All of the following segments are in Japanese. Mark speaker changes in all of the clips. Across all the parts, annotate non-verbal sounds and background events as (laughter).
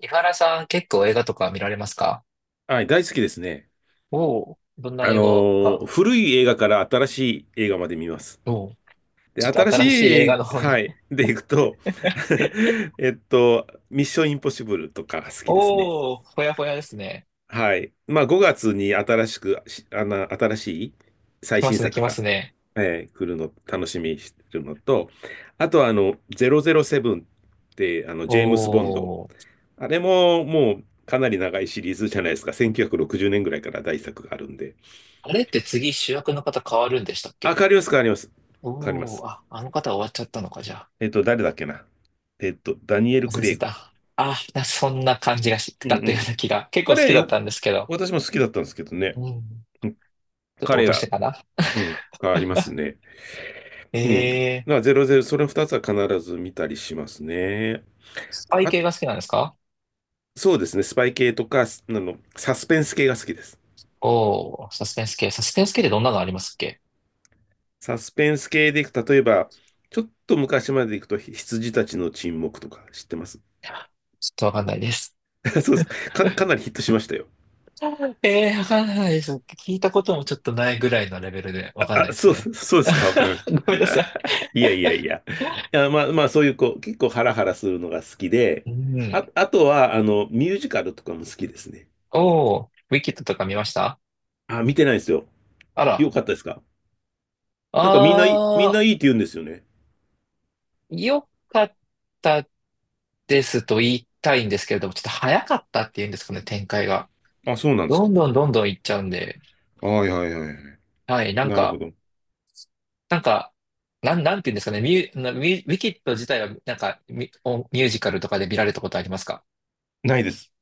Speaker 1: 井原さん、結構映画とか見られますか？
Speaker 2: はい、大好きですね。
Speaker 1: おおー、どんな映画か。
Speaker 2: 古い映画から新しい映画まで見ます。
Speaker 1: おお、
Speaker 2: で、
Speaker 1: ちょっ
Speaker 2: 新
Speaker 1: と新しい映
Speaker 2: し
Speaker 1: 画
Speaker 2: い、
Speaker 1: の方
Speaker 2: は
Speaker 1: で。
Speaker 2: い、でいくと (laughs) ミッションインポッシブルとか好
Speaker 1: (laughs)
Speaker 2: きですね。
Speaker 1: おお、ほやほやですね。
Speaker 2: はい。まあ、5月に新しく、しあの、新しい最
Speaker 1: 来ま
Speaker 2: 新
Speaker 1: すね、来
Speaker 2: 作
Speaker 1: ます
Speaker 2: が、
Speaker 1: ね。
Speaker 2: 来るの、楽しみにしてるのと、あとは、007って、
Speaker 1: お
Speaker 2: ジェームス・ボンド。
Speaker 1: お、
Speaker 2: あれも、もう、かなり長いシリーズじゃないですか。1960年ぐらいから大作があるんで。
Speaker 1: あれって次主役の方変わるんでしたっ
Speaker 2: あ、変
Speaker 1: け？
Speaker 2: わります、変わります。変わりま
Speaker 1: おおー、
Speaker 2: す。
Speaker 1: あ、あの方終わっちゃったのか、じゃあ。
Speaker 2: 誰だっけな。ダニエル・
Speaker 1: 忘
Speaker 2: ク
Speaker 1: れ
Speaker 2: レ
Speaker 1: て
Speaker 2: イグ。
Speaker 1: た。あ、そんな感じがし
Speaker 2: うんう
Speaker 1: たったような
Speaker 2: ん。
Speaker 1: 気が。結構好き
Speaker 2: 彼
Speaker 1: だっ
Speaker 2: よ、
Speaker 1: たんですけど。
Speaker 2: 私も好きだったんですけどね。
Speaker 1: うん。
Speaker 2: うん、
Speaker 1: ちょっと落
Speaker 2: 彼
Speaker 1: として
Speaker 2: が、
Speaker 1: かな。
Speaker 2: うん、変わりますね。
Speaker 1: え
Speaker 2: うん。
Speaker 1: えー、
Speaker 2: まあ、ゼロゼロそれ2つは必ず見たりしますね。
Speaker 1: スパイ
Speaker 2: あ、
Speaker 1: 系が好きなんですか？
Speaker 2: そうですね。スパイ系とか、すあの、サスペンス系が好きです。
Speaker 1: おおー、サスペンス系。サスペンス系ってどんなのありますっけ？
Speaker 2: サスペンス系でいく、例えば、ちょっと昔までいくと、羊たちの沈黙とか知ってます？
Speaker 1: ちょっとわかんないです。
Speaker 2: (laughs) そうですか。かなりヒットしましたよ。
Speaker 1: えー、わかんないです。聞いたこともちょっとないぐらいのレベルでわかん
Speaker 2: あ、
Speaker 1: ない
Speaker 2: あ
Speaker 1: です
Speaker 2: そう、
Speaker 1: ね。
Speaker 2: そうですか。わかりました。
Speaker 1: (laughs) ごめんなさい。
Speaker 2: いやいやいや。いや、まあまあ、そういう、こう、結構ハラハラするのが好きで、
Speaker 1: う
Speaker 2: あ、
Speaker 1: ん。
Speaker 2: あとは、ミュージカルとかも好きですね。
Speaker 1: おー、ウィキッドとか見ました？
Speaker 2: あ、見てないですよ。
Speaker 1: あ
Speaker 2: よ
Speaker 1: ら。
Speaker 2: かったですか？なんかみんないい、みん
Speaker 1: あ
Speaker 2: ないいって言うんですよね。
Speaker 1: ー、よかったですと言いたいんですけれども、ちょっと早かったっていうんですかね、展開が。
Speaker 2: あ、そうなんです
Speaker 1: ど
Speaker 2: か。
Speaker 1: んどんどんどんいっちゃうんで。
Speaker 2: はいはいはいはい。
Speaker 1: はい、なん
Speaker 2: なるほ
Speaker 1: か、
Speaker 2: ど。
Speaker 1: なんか、なんていうんですかね、ミュウィキッド自体は、ミュージカルとかで見られたことありますか？
Speaker 2: ないです。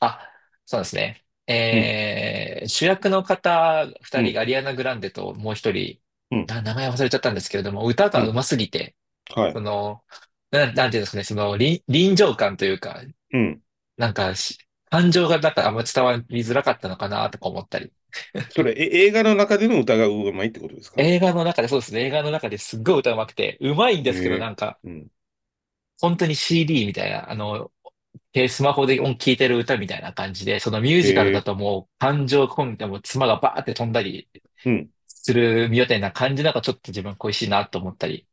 Speaker 1: あ、そうですね。
Speaker 2: うん、
Speaker 1: えー主役の方
Speaker 2: う
Speaker 1: 二人
Speaker 2: ん、
Speaker 1: がアリアナ・グランデともう一人、
Speaker 2: うん、
Speaker 1: 名前忘れちゃったんですけれども、歌
Speaker 2: う
Speaker 1: が上
Speaker 2: ん。
Speaker 1: 手すぎて、
Speaker 2: は
Speaker 1: そ
Speaker 2: い。
Speaker 1: の、なんていうんですかね、その臨場感というか、
Speaker 2: うん。
Speaker 1: なんかし、感情がなんかあんま伝わりづらかったのかなとか思ったり。
Speaker 2: それ、映画の中での歌がうまいってことですか？
Speaker 1: 映画の中で、そうですね、映画の中ですっごい歌上手くて、上手いんで
Speaker 2: え
Speaker 1: すけど、な
Speaker 2: え、
Speaker 1: んか、
Speaker 2: うん。
Speaker 1: 本当に CD みたいな、あの、で、スマホで音聴いてる歌みたいな感じで、そのミュージカルだ
Speaker 2: ええ、
Speaker 1: ともう感情込めてもう妻がバーって飛んだり、
Speaker 2: うん。
Speaker 1: するみたいな感じなんかちょっと自分恋しいなと思ったり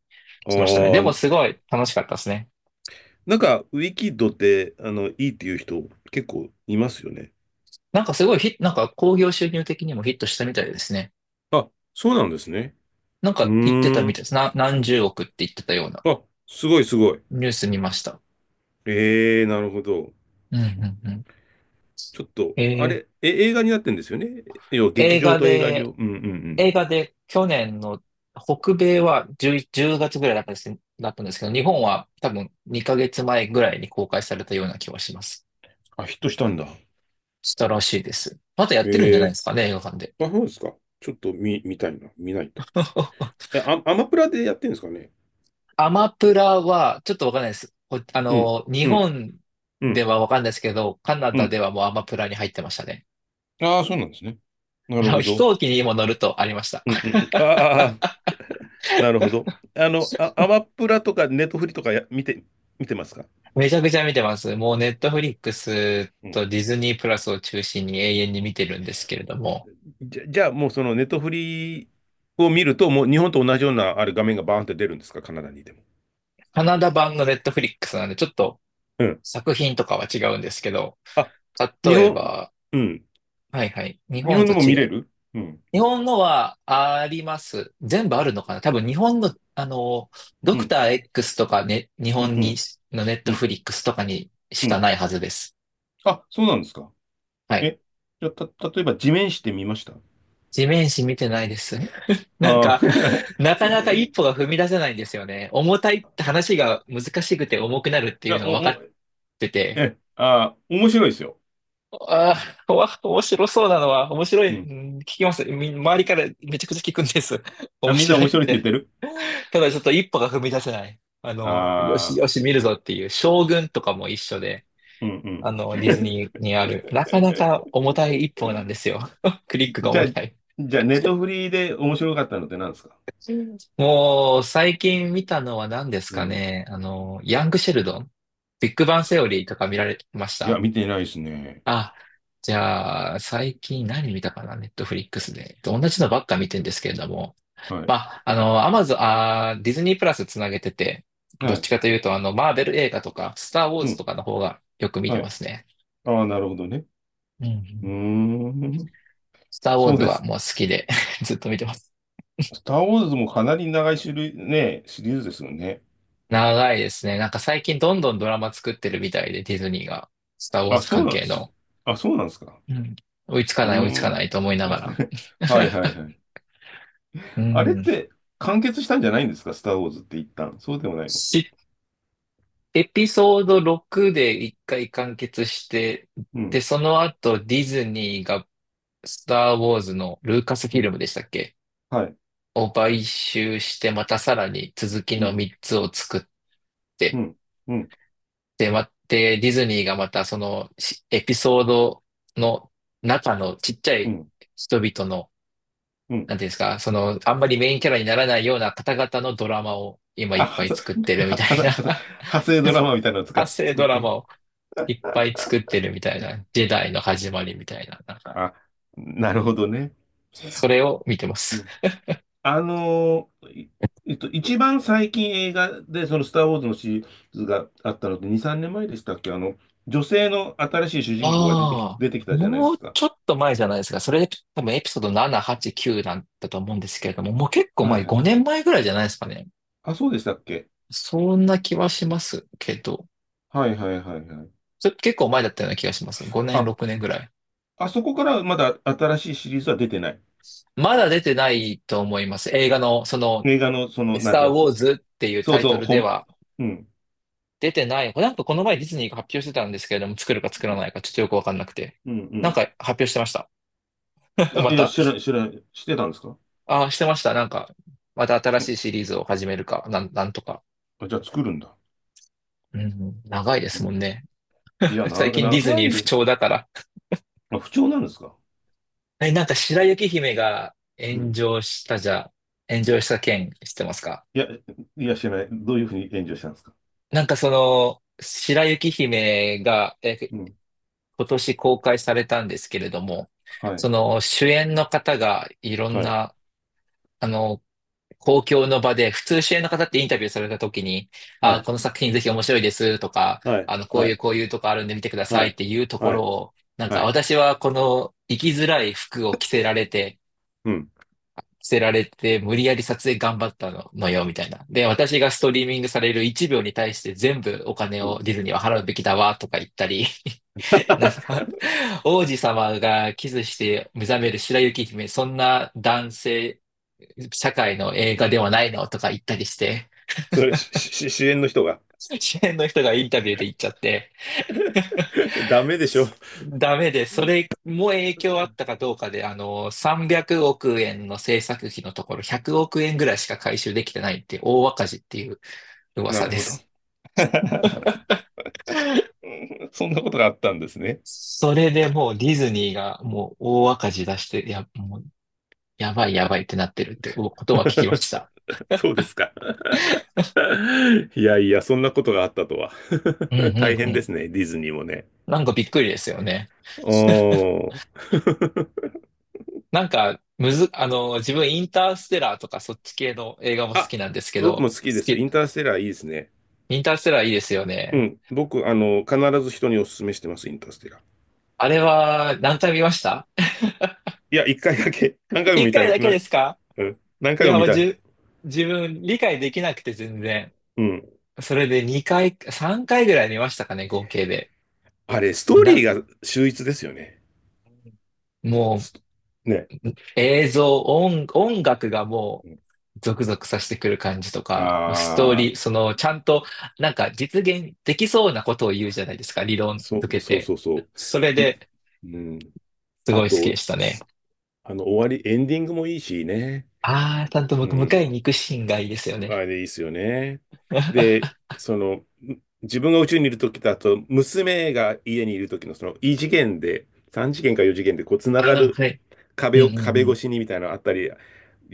Speaker 1: しましたね。で
Speaker 2: あ
Speaker 1: もすご
Speaker 2: あ、
Speaker 1: い楽しかったですね。
Speaker 2: なんか、ウィキッドって、いいっていう人結構いますよね。
Speaker 1: なんかすごいヒなんか興行収入的にもヒットしたみたいですね。
Speaker 2: あ、そうなんですね。
Speaker 1: なん
Speaker 2: う
Speaker 1: か言ってた
Speaker 2: ー
Speaker 1: み
Speaker 2: ん。
Speaker 1: たいです。何十億って言ってたような
Speaker 2: あ、すごいすごい。
Speaker 1: ニュース見ました。
Speaker 2: ええ、なるほど。
Speaker 1: うんうんうん。
Speaker 2: ちょっと、
Speaker 1: え
Speaker 2: あれ、
Speaker 1: ー
Speaker 2: 映画になってんですよね。要は劇
Speaker 1: 映
Speaker 2: 場
Speaker 1: 画
Speaker 2: と映画
Speaker 1: で、
Speaker 2: うんうんうん。
Speaker 1: 映画で去年の北米は10、1月ぐらいだったんですけど、日本は多分2ヶ月前ぐらいに公開されたような気はします。
Speaker 2: あ、ヒットしたんだ。
Speaker 1: したらしいです。まだやってるんじゃ
Speaker 2: え
Speaker 1: ないで
Speaker 2: え。
Speaker 1: すかね、映画館で。
Speaker 2: あ、そうですか。ちょっと見たいな。見ないと。
Speaker 1: (laughs)
Speaker 2: え、アマプラでやってんですかね。
Speaker 1: アマプラは、ちょっとわかんないです。こあ
Speaker 2: うん、
Speaker 1: の、日
Speaker 2: うん、
Speaker 1: 本
Speaker 2: う
Speaker 1: で
Speaker 2: ん、
Speaker 1: はわかんないですけど、カナ
Speaker 2: う
Speaker 1: ダ
Speaker 2: ん。
Speaker 1: ではもうアマプラに入ってましたね。
Speaker 2: ああ、そうなんですね。な
Speaker 1: あ
Speaker 2: る
Speaker 1: の、
Speaker 2: ほ
Speaker 1: 飛
Speaker 2: ど。うん
Speaker 1: 行機にも乗るとありました。
Speaker 2: うんうん。ああ、なるほど。あ、アマプラとかネットフリとかや、見て、見てますか？
Speaker 1: (laughs) めちゃくちゃ見てます。もうネットフリックス
Speaker 2: うん。
Speaker 1: とディズニープラスを中心に永遠に見てるんですけれども、
Speaker 2: じゃあもうそのネットフリを見ると、もう日本と同じようなあれ画面がバーンって出るんですか、カナダにいても。
Speaker 1: カナダ版のネットフリックスなんで、ちょっと
Speaker 2: うん。
Speaker 1: 作品とかは違うんですけど、
Speaker 2: あ、日
Speaker 1: 例え
Speaker 2: 本、
Speaker 1: ば、
Speaker 2: うん。
Speaker 1: はいはい。日
Speaker 2: 日
Speaker 1: 本
Speaker 2: 本
Speaker 1: と
Speaker 2: のも
Speaker 1: 違
Speaker 2: 見れ
Speaker 1: う。
Speaker 2: る、うん。
Speaker 1: 日本語はあります。全部あるのかな多分日本の、あの、ド
Speaker 2: う
Speaker 1: ク
Speaker 2: ん。
Speaker 1: ター X とかね、日
Speaker 2: うん。
Speaker 1: 本
Speaker 2: う
Speaker 1: に
Speaker 2: ん。
Speaker 1: のネッ
Speaker 2: う
Speaker 1: ト
Speaker 2: ん。
Speaker 1: フリックスとかにし
Speaker 2: う
Speaker 1: か
Speaker 2: ん。
Speaker 1: ないはずです。
Speaker 2: あ、そうなんですか。
Speaker 1: はい。
Speaker 2: え、じゃあ、例えば地面師って見ました？
Speaker 1: 地面師見てないです。(laughs)
Speaker 2: あ
Speaker 1: なん
Speaker 2: ああ、
Speaker 1: か、な
Speaker 2: (laughs)
Speaker 1: かなか一
Speaker 2: い
Speaker 1: 歩が踏み出せないんですよね。重たいって話が難しくて重くなるっていう
Speaker 2: や、
Speaker 1: のが分か
Speaker 2: お、
Speaker 1: っ
Speaker 2: お、
Speaker 1: てて。
Speaker 2: え、あー、面白いですよ。
Speaker 1: ああ、面白そうなのは、面白
Speaker 2: う
Speaker 1: い、
Speaker 2: ん。
Speaker 1: うん聞きます。周りからめちゃくちゃ聞くんです。(laughs)
Speaker 2: あ、
Speaker 1: 面
Speaker 2: みんな
Speaker 1: 白
Speaker 2: 面
Speaker 1: いっ
Speaker 2: 白いって言っ
Speaker 1: て。
Speaker 2: てる？
Speaker 1: ただちょっと一歩が踏み出せない。あの、よし
Speaker 2: ああ
Speaker 1: よし見るぞっていう、将軍とかも一緒で、
Speaker 2: ー、うん
Speaker 1: あの、ディズニーにある、なかなか重たい一歩なんですよ。(laughs) クリック
Speaker 2: うん。(laughs)
Speaker 1: が
Speaker 2: じゃ
Speaker 1: 重
Speaker 2: あ、
Speaker 1: たい。
Speaker 2: じゃあ、ネットフリで面白かったのって何ですか？
Speaker 1: うんもう、最近見たのは何です
Speaker 2: う
Speaker 1: か
Speaker 2: ん。
Speaker 1: ね。あの、ヤングシェルドン、ビッグバンセオリーとか見られまし
Speaker 2: いや、
Speaker 1: た？
Speaker 2: 見てないですね。
Speaker 1: あ、じゃあ、最近何見たかな、ネットフリックスで。同じのばっか見てんですけれども、
Speaker 2: はい。
Speaker 1: まあ、あの、アマゾン、あー、ディズニープラスつなげてて、ど
Speaker 2: は
Speaker 1: っち
Speaker 2: い。
Speaker 1: かというと、あの、マーベル映画とか、スター・ウォー
Speaker 2: う
Speaker 1: ズと
Speaker 2: ん。
Speaker 1: かの方がよく見て
Speaker 2: は
Speaker 1: ま
Speaker 2: い。
Speaker 1: すね。
Speaker 2: ああ、なるほどね。
Speaker 1: うんう
Speaker 2: うー
Speaker 1: ん、
Speaker 2: ん。
Speaker 1: スター・ウォー
Speaker 2: そう
Speaker 1: ズ
Speaker 2: で
Speaker 1: は
Speaker 2: す。
Speaker 1: もう好きで (laughs) ずっと見てます。
Speaker 2: スター・ウォーズもかなり長い種類、ね、シリーズですよね。
Speaker 1: 長いですね。なんか最近どんどんドラマ作ってるみたいで、ディズニーが、スター・ウォー
Speaker 2: あ、
Speaker 1: ズ
Speaker 2: そう
Speaker 1: 関
Speaker 2: なんで
Speaker 1: 係
Speaker 2: す。
Speaker 1: の。
Speaker 2: あ、そうなんですか。
Speaker 1: うん。追いつ
Speaker 2: う
Speaker 1: か
Speaker 2: ー
Speaker 1: ない追いつかな
Speaker 2: ん。
Speaker 1: いと思いながら。
Speaker 2: (laughs) はいはいはい。
Speaker 1: (laughs) う
Speaker 2: あれっ
Speaker 1: ん。
Speaker 2: て完結したんじゃないんですか、スター・ウォーズって一旦。そうでもないの？
Speaker 1: し、エピソード6で一回完結して、
Speaker 2: う
Speaker 1: で、
Speaker 2: ん。
Speaker 1: その後ディズニーがスター・ウォーズのルーカスフ
Speaker 2: う
Speaker 1: ィ
Speaker 2: ん。
Speaker 1: ルムでしたっけ
Speaker 2: はい。
Speaker 1: を買収して、またさらに続き
Speaker 2: う
Speaker 1: の
Speaker 2: ん。
Speaker 1: 3つを作っ
Speaker 2: う
Speaker 1: て、
Speaker 2: ん。うん。
Speaker 1: で、待って、ディズニーがまたそのエピソードの中のちっちゃ
Speaker 2: う
Speaker 1: い
Speaker 2: ん。
Speaker 1: 人々の、
Speaker 2: うん。
Speaker 1: なんていうんですか、その、あんまりメインキャラにならないような方々のドラマを今い
Speaker 2: あ、
Speaker 1: っぱ
Speaker 2: は
Speaker 1: い
Speaker 2: さ、
Speaker 1: 作ってるみ
Speaker 2: は
Speaker 1: たい
Speaker 2: はさ、
Speaker 1: な
Speaker 2: はさ、
Speaker 1: (laughs)
Speaker 2: 派生ドラマみたいなのを
Speaker 1: 派生
Speaker 2: 作っ
Speaker 1: ドラ
Speaker 2: てん？
Speaker 1: マをいっぱい作ってるみたいな、ジェダイの始まりみたいな、なんか、
Speaker 2: あ、なるほどね。
Speaker 1: それを見てま
Speaker 2: う
Speaker 1: す。
Speaker 2: ん。あのー、一番最近映画で、その、スター・ウォーズのシリーズがあったのって2、3年前でしたっけ？女性の新しい主人公が
Speaker 1: ああ、
Speaker 2: 出てきたじゃないで
Speaker 1: もう
Speaker 2: すか。
Speaker 1: ちょっと前じゃないですか。それ多分エピソード7、8、9だっだと思うんですけれども、もう結構
Speaker 2: はい
Speaker 1: 前、
Speaker 2: はい。
Speaker 1: 5年前ぐらいじゃないですかね。
Speaker 2: あ、そうでしたっけ？
Speaker 1: そんな気はしますけど、
Speaker 2: はいはいはいはい。
Speaker 1: それ結構前だったような気がします。5年、
Speaker 2: あ、
Speaker 1: 6年ぐらい。
Speaker 2: あそこからまだ新しいシリーズは出てない。
Speaker 1: まだ出てないと思います。映画の、その、
Speaker 2: 映画の、その、
Speaker 1: ス
Speaker 2: なん
Speaker 1: タ
Speaker 2: てい
Speaker 1: ー・
Speaker 2: う
Speaker 1: ウ
Speaker 2: の、
Speaker 1: ォーズっていう
Speaker 2: そ
Speaker 1: タ
Speaker 2: う
Speaker 1: イト
Speaker 2: そう、
Speaker 1: ルでは
Speaker 2: うん、
Speaker 1: 出てない。なんかこの前ディズニーが発表してたんですけれども、作るか作
Speaker 2: う
Speaker 1: ら
Speaker 2: ん、
Speaker 1: ないかちょっとよくわかんなくて。
Speaker 2: うん。う
Speaker 1: なんか
Speaker 2: ん。
Speaker 1: 発表してました。
Speaker 2: い
Speaker 1: (laughs)
Speaker 2: や、
Speaker 1: ま
Speaker 2: いや、
Speaker 1: た。
Speaker 2: 知らない、知らない、してたんですか？
Speaker 1: ああ、してました。なんか、また新
Speaker 2: うん。
Speaker 1: しいシリーズを始めるか、なんとか。
Speaker 2: あ、じゃあ作るんだ。
Speaker 1: うん、長いで
Speaker 2: う
Speaker 1: すも
Speaker 2: ん。
Speaker 1: んね。
Speaker 2: いや、
Speaker 1: (laughs) 最近ディズ
Speaker 2: 長
Speaker 1: ニー不
Speaker 2: い、
Speaker 1: 調だから。
Speaker 2: あ、不調なんですか？
Speaker 1: え、なんか白雪姫が
Speaker 2: う
Speaker 1: 炎
Speaker 2: ん。
Speaker 1: 上したじゃ、炎上した件知ってますか？
Speaker 2: いや、いや、知らない。どういうふうに炎上したんですか？
Speaker 1: なんかその、白雪姫が、え、
Speaker 2: うん。
Speaker 1: 今年公開されたんですけれども、
Speaker 2: はい。
Speaker 1: その主演の方がいろん
Speaker 2: はい。
Speaker 1: な、あの、公共の場で、普通支援の方ってインタビューされた時に、
Speaker 2: は
Speaker 1: あー、こ
Speaker 2: い。
Speaker 1: の作品ぜひ面白いですとか、
Speaker 2: はい。
Speaker 1: あの、こう
Speaker 2: は
Speaker 1: いう
Speaker 2: い。
Speaker 1: こういうとこあるんで見てくださ
Speaker 2: は
Speaker 1: いっ
Speaker 2: い。
Speaker 1: ていうとこ
Speaker 2: は
Speaker 1: ろ
Speaker 2: い。
Speaker 1: を、なんか
Speaker 2: はい。
Speaker 1: 私はこの生きづらい服を着せられて、
Speaker 2: うん。
Speaker 1: 着せられて、無理やり撮影頑張ったの、のよ、みたいな。で、私がストリーミングされる1秒に対して全部お金
Speaker 2: うん。
Speaker 1: をディズニーは払うべきだわ、とか言ったり、(laughs) なん
Speaker 2: (laughs)
Speaker 1: か、王子様がキスして目覚める白雪姫、そんな男性、社会の映画ではないのとか言ったりして、
Speaker 2: それ、支援の人が？
Speaker 1: 主演の人がインタビューで言っちゃって、
Speaker 2: (laughs)。ダメでしょ。
Speaker 1: ダメで、それも影響あったかどうかで、あの、300億円の制作費のところ、100億円ぐらいしか回収できてないって大赤字っていう
Speaker 2: な
Speaker 1: 噂
Speaker 2: る
Speaker 1: で
Speaker 2: ほど。
Speaker 1: す。
Speaker 2: (laughs) うん。そんなことがあったんですね。
Speaker 1: それでもうディズニーがもう大赤字出して、いや、もうやばいやばいってなってるってことは聞きました。
Speaker 2: (laughs) そうですか。(laughs) いやいや、そんなことがあったとは。
Speaker 1: うんう
Speaker 2: (laughs) 大
Speaker 1: んう
Speaker 2: 変で
Speaker 1: ん。
Speaker 2: すね、ディズニーもね。
Speaker 1: なんかびっくりですよね。
Speaker 2: おー。
Speaker 1: なんか、むず、あの、自分インターステラーとかそっち系の映画
Speaker 2: (laughs)
Speaker 1: も好
Speaker 2: あ、
Speaker 1: きなんですけ
Speaker 2: 僕
Speaker 1: ど、
Speaker 2: も好きです。イ
Speaker 1: き、
Speaker 2: ンターステラーいいですね。
Speaker 1: インターステラーいいですよ
Speaker 2: う
Speaker 1: ね。
Speaker 2: ん。僕、必ず人にお勧めしてます、インターステラー。
Speaker 1: あれは何回見ました？
Speaker 2: いや、一回だけ。(laughs) 何
Speaker 1: (laughs)
Speaker 2: 回も
Speaker 1: 一
Speaker 2: 見た
Speaker 1: 回
Speaker 2: い。
Speaker 1: だけですか？
Speaker 2: うん。何
Speaker 1: い
Speaker 2: 回も
Speaker 1: や、ま
Speaker 2: 見
Speaker 1: あ
Speaker 2: た
Speaker 1: じ
Speaker 2: い。
Speaker 1: ゅ、自分理解できなくて全然。
Speaker 2: うん。
Speaker 1: それで2回、3回ぐらい見ましたかね、合計で。
Speaker 2: あれ、ストーリー
Speaker 1: な、
Speaker 2: が秀逸ですよね。
Speaker 1: も
Speaker 2: ストね。
Speaker 1: う、映像、音、音楽がもう、ゾクゾクさせてくる感じとか、もうストー
Speaker 2: ああ
Speaker 1: リー、その、ちゃんと、なんか実現できそうなことを言うじゃないですか、理
Speaker 2: ー、
Speaker 1: 論
Speaker 2: そ
Speaker 1: づ
Speaker 2: う、
Speaker 1: け
Speaker 2: そう
Speaker 1: て。
Speaker 2: そうそ
Speaker 1: それ
Speaker 2: う。ん
Speaker 1: で
Speaker 2: うん。
Speaker 1: す
Speaker 2: あ
Speaker 1: ごい好きで
Speaker 2: と、
Speaker 1: したね。
Speaker 2: すあの、終わり、エンディングもいいしね。
Speaker 1: ああ、ちゃんと
Speaker 2: う
Speaker 1: 僕、迎え
Speaker 2: ん。
Speaker 1: に行くシーンがいいですよ
Speaker 2: あ
Speaker 1: ね。
Speaker 2: れいいっすよね。で、
Speaker 1: (laughs)
Speaker 2: その、自分が宇宙にいるときと、あと、娘が家にいるときの、その、異次元で、3次元か4次元で、こう、つな
Speaker 1: あ
Speaker 2: が
Speaker 1: あ、
Speaker 2: る、
Speaker 1: はい。うん
Speaker 2: 壁
Speaker 1: う
Speaker 2: を、壁
Speaker 1: んう
Speaker 2: 越
Speaker 1: ん。
Speaker 2: しにみたいなのあったり、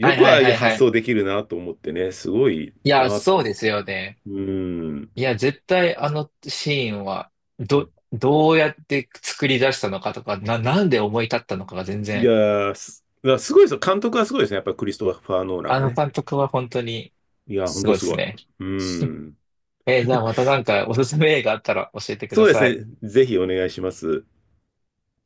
Speaker 1: はい
Speaker 2: く
Speaker 1: は
Speaker 2: あ
Speaker 1: い
Speaker 2: あい
Speaker 1: は
Speaker 2: う
Speaker 1: いは
Speaker 2: 発
Speaker 1: い。
Speaker 2: 想できるなと思ってね、すごい
Speaker 1: いや、
Speaker 2: なと。
Speaker 1: そうですよね。
Speaker 2: うーん。
Speaker 1: いや、絶対あのシーンは、どうやって作り出したのかとか、なんで思い立ったのかが全
Speaker 2: いや
Speaker 1: 然、
Speaker 2: ー、だからすごいですよ。監督はすごいですね。やっぱりクリストファー・ノーラン
Speaker 1: あ
Speaker 2: は
Speaker 1: の
Speaker 2: ね。
Speaker 1: 監督は本当に
Speaker 2: いやー、ほん
Speaker 1: すご
Speaker 2: と
Speaker 1: いで
Speaker 2: す
Speaker 1: す
Speaker 2: ごい。
Speaker 1: ね。
Speaker 2: うーん。
Speaker 1: えーじゃあまたなんかおすすめ映画あったら教えてく
Speaker 2: そ
Speaker 1: だ
Speaker 2: うです
Speaker 1: さい。
Speaker 2: ね。ぜひお願いします。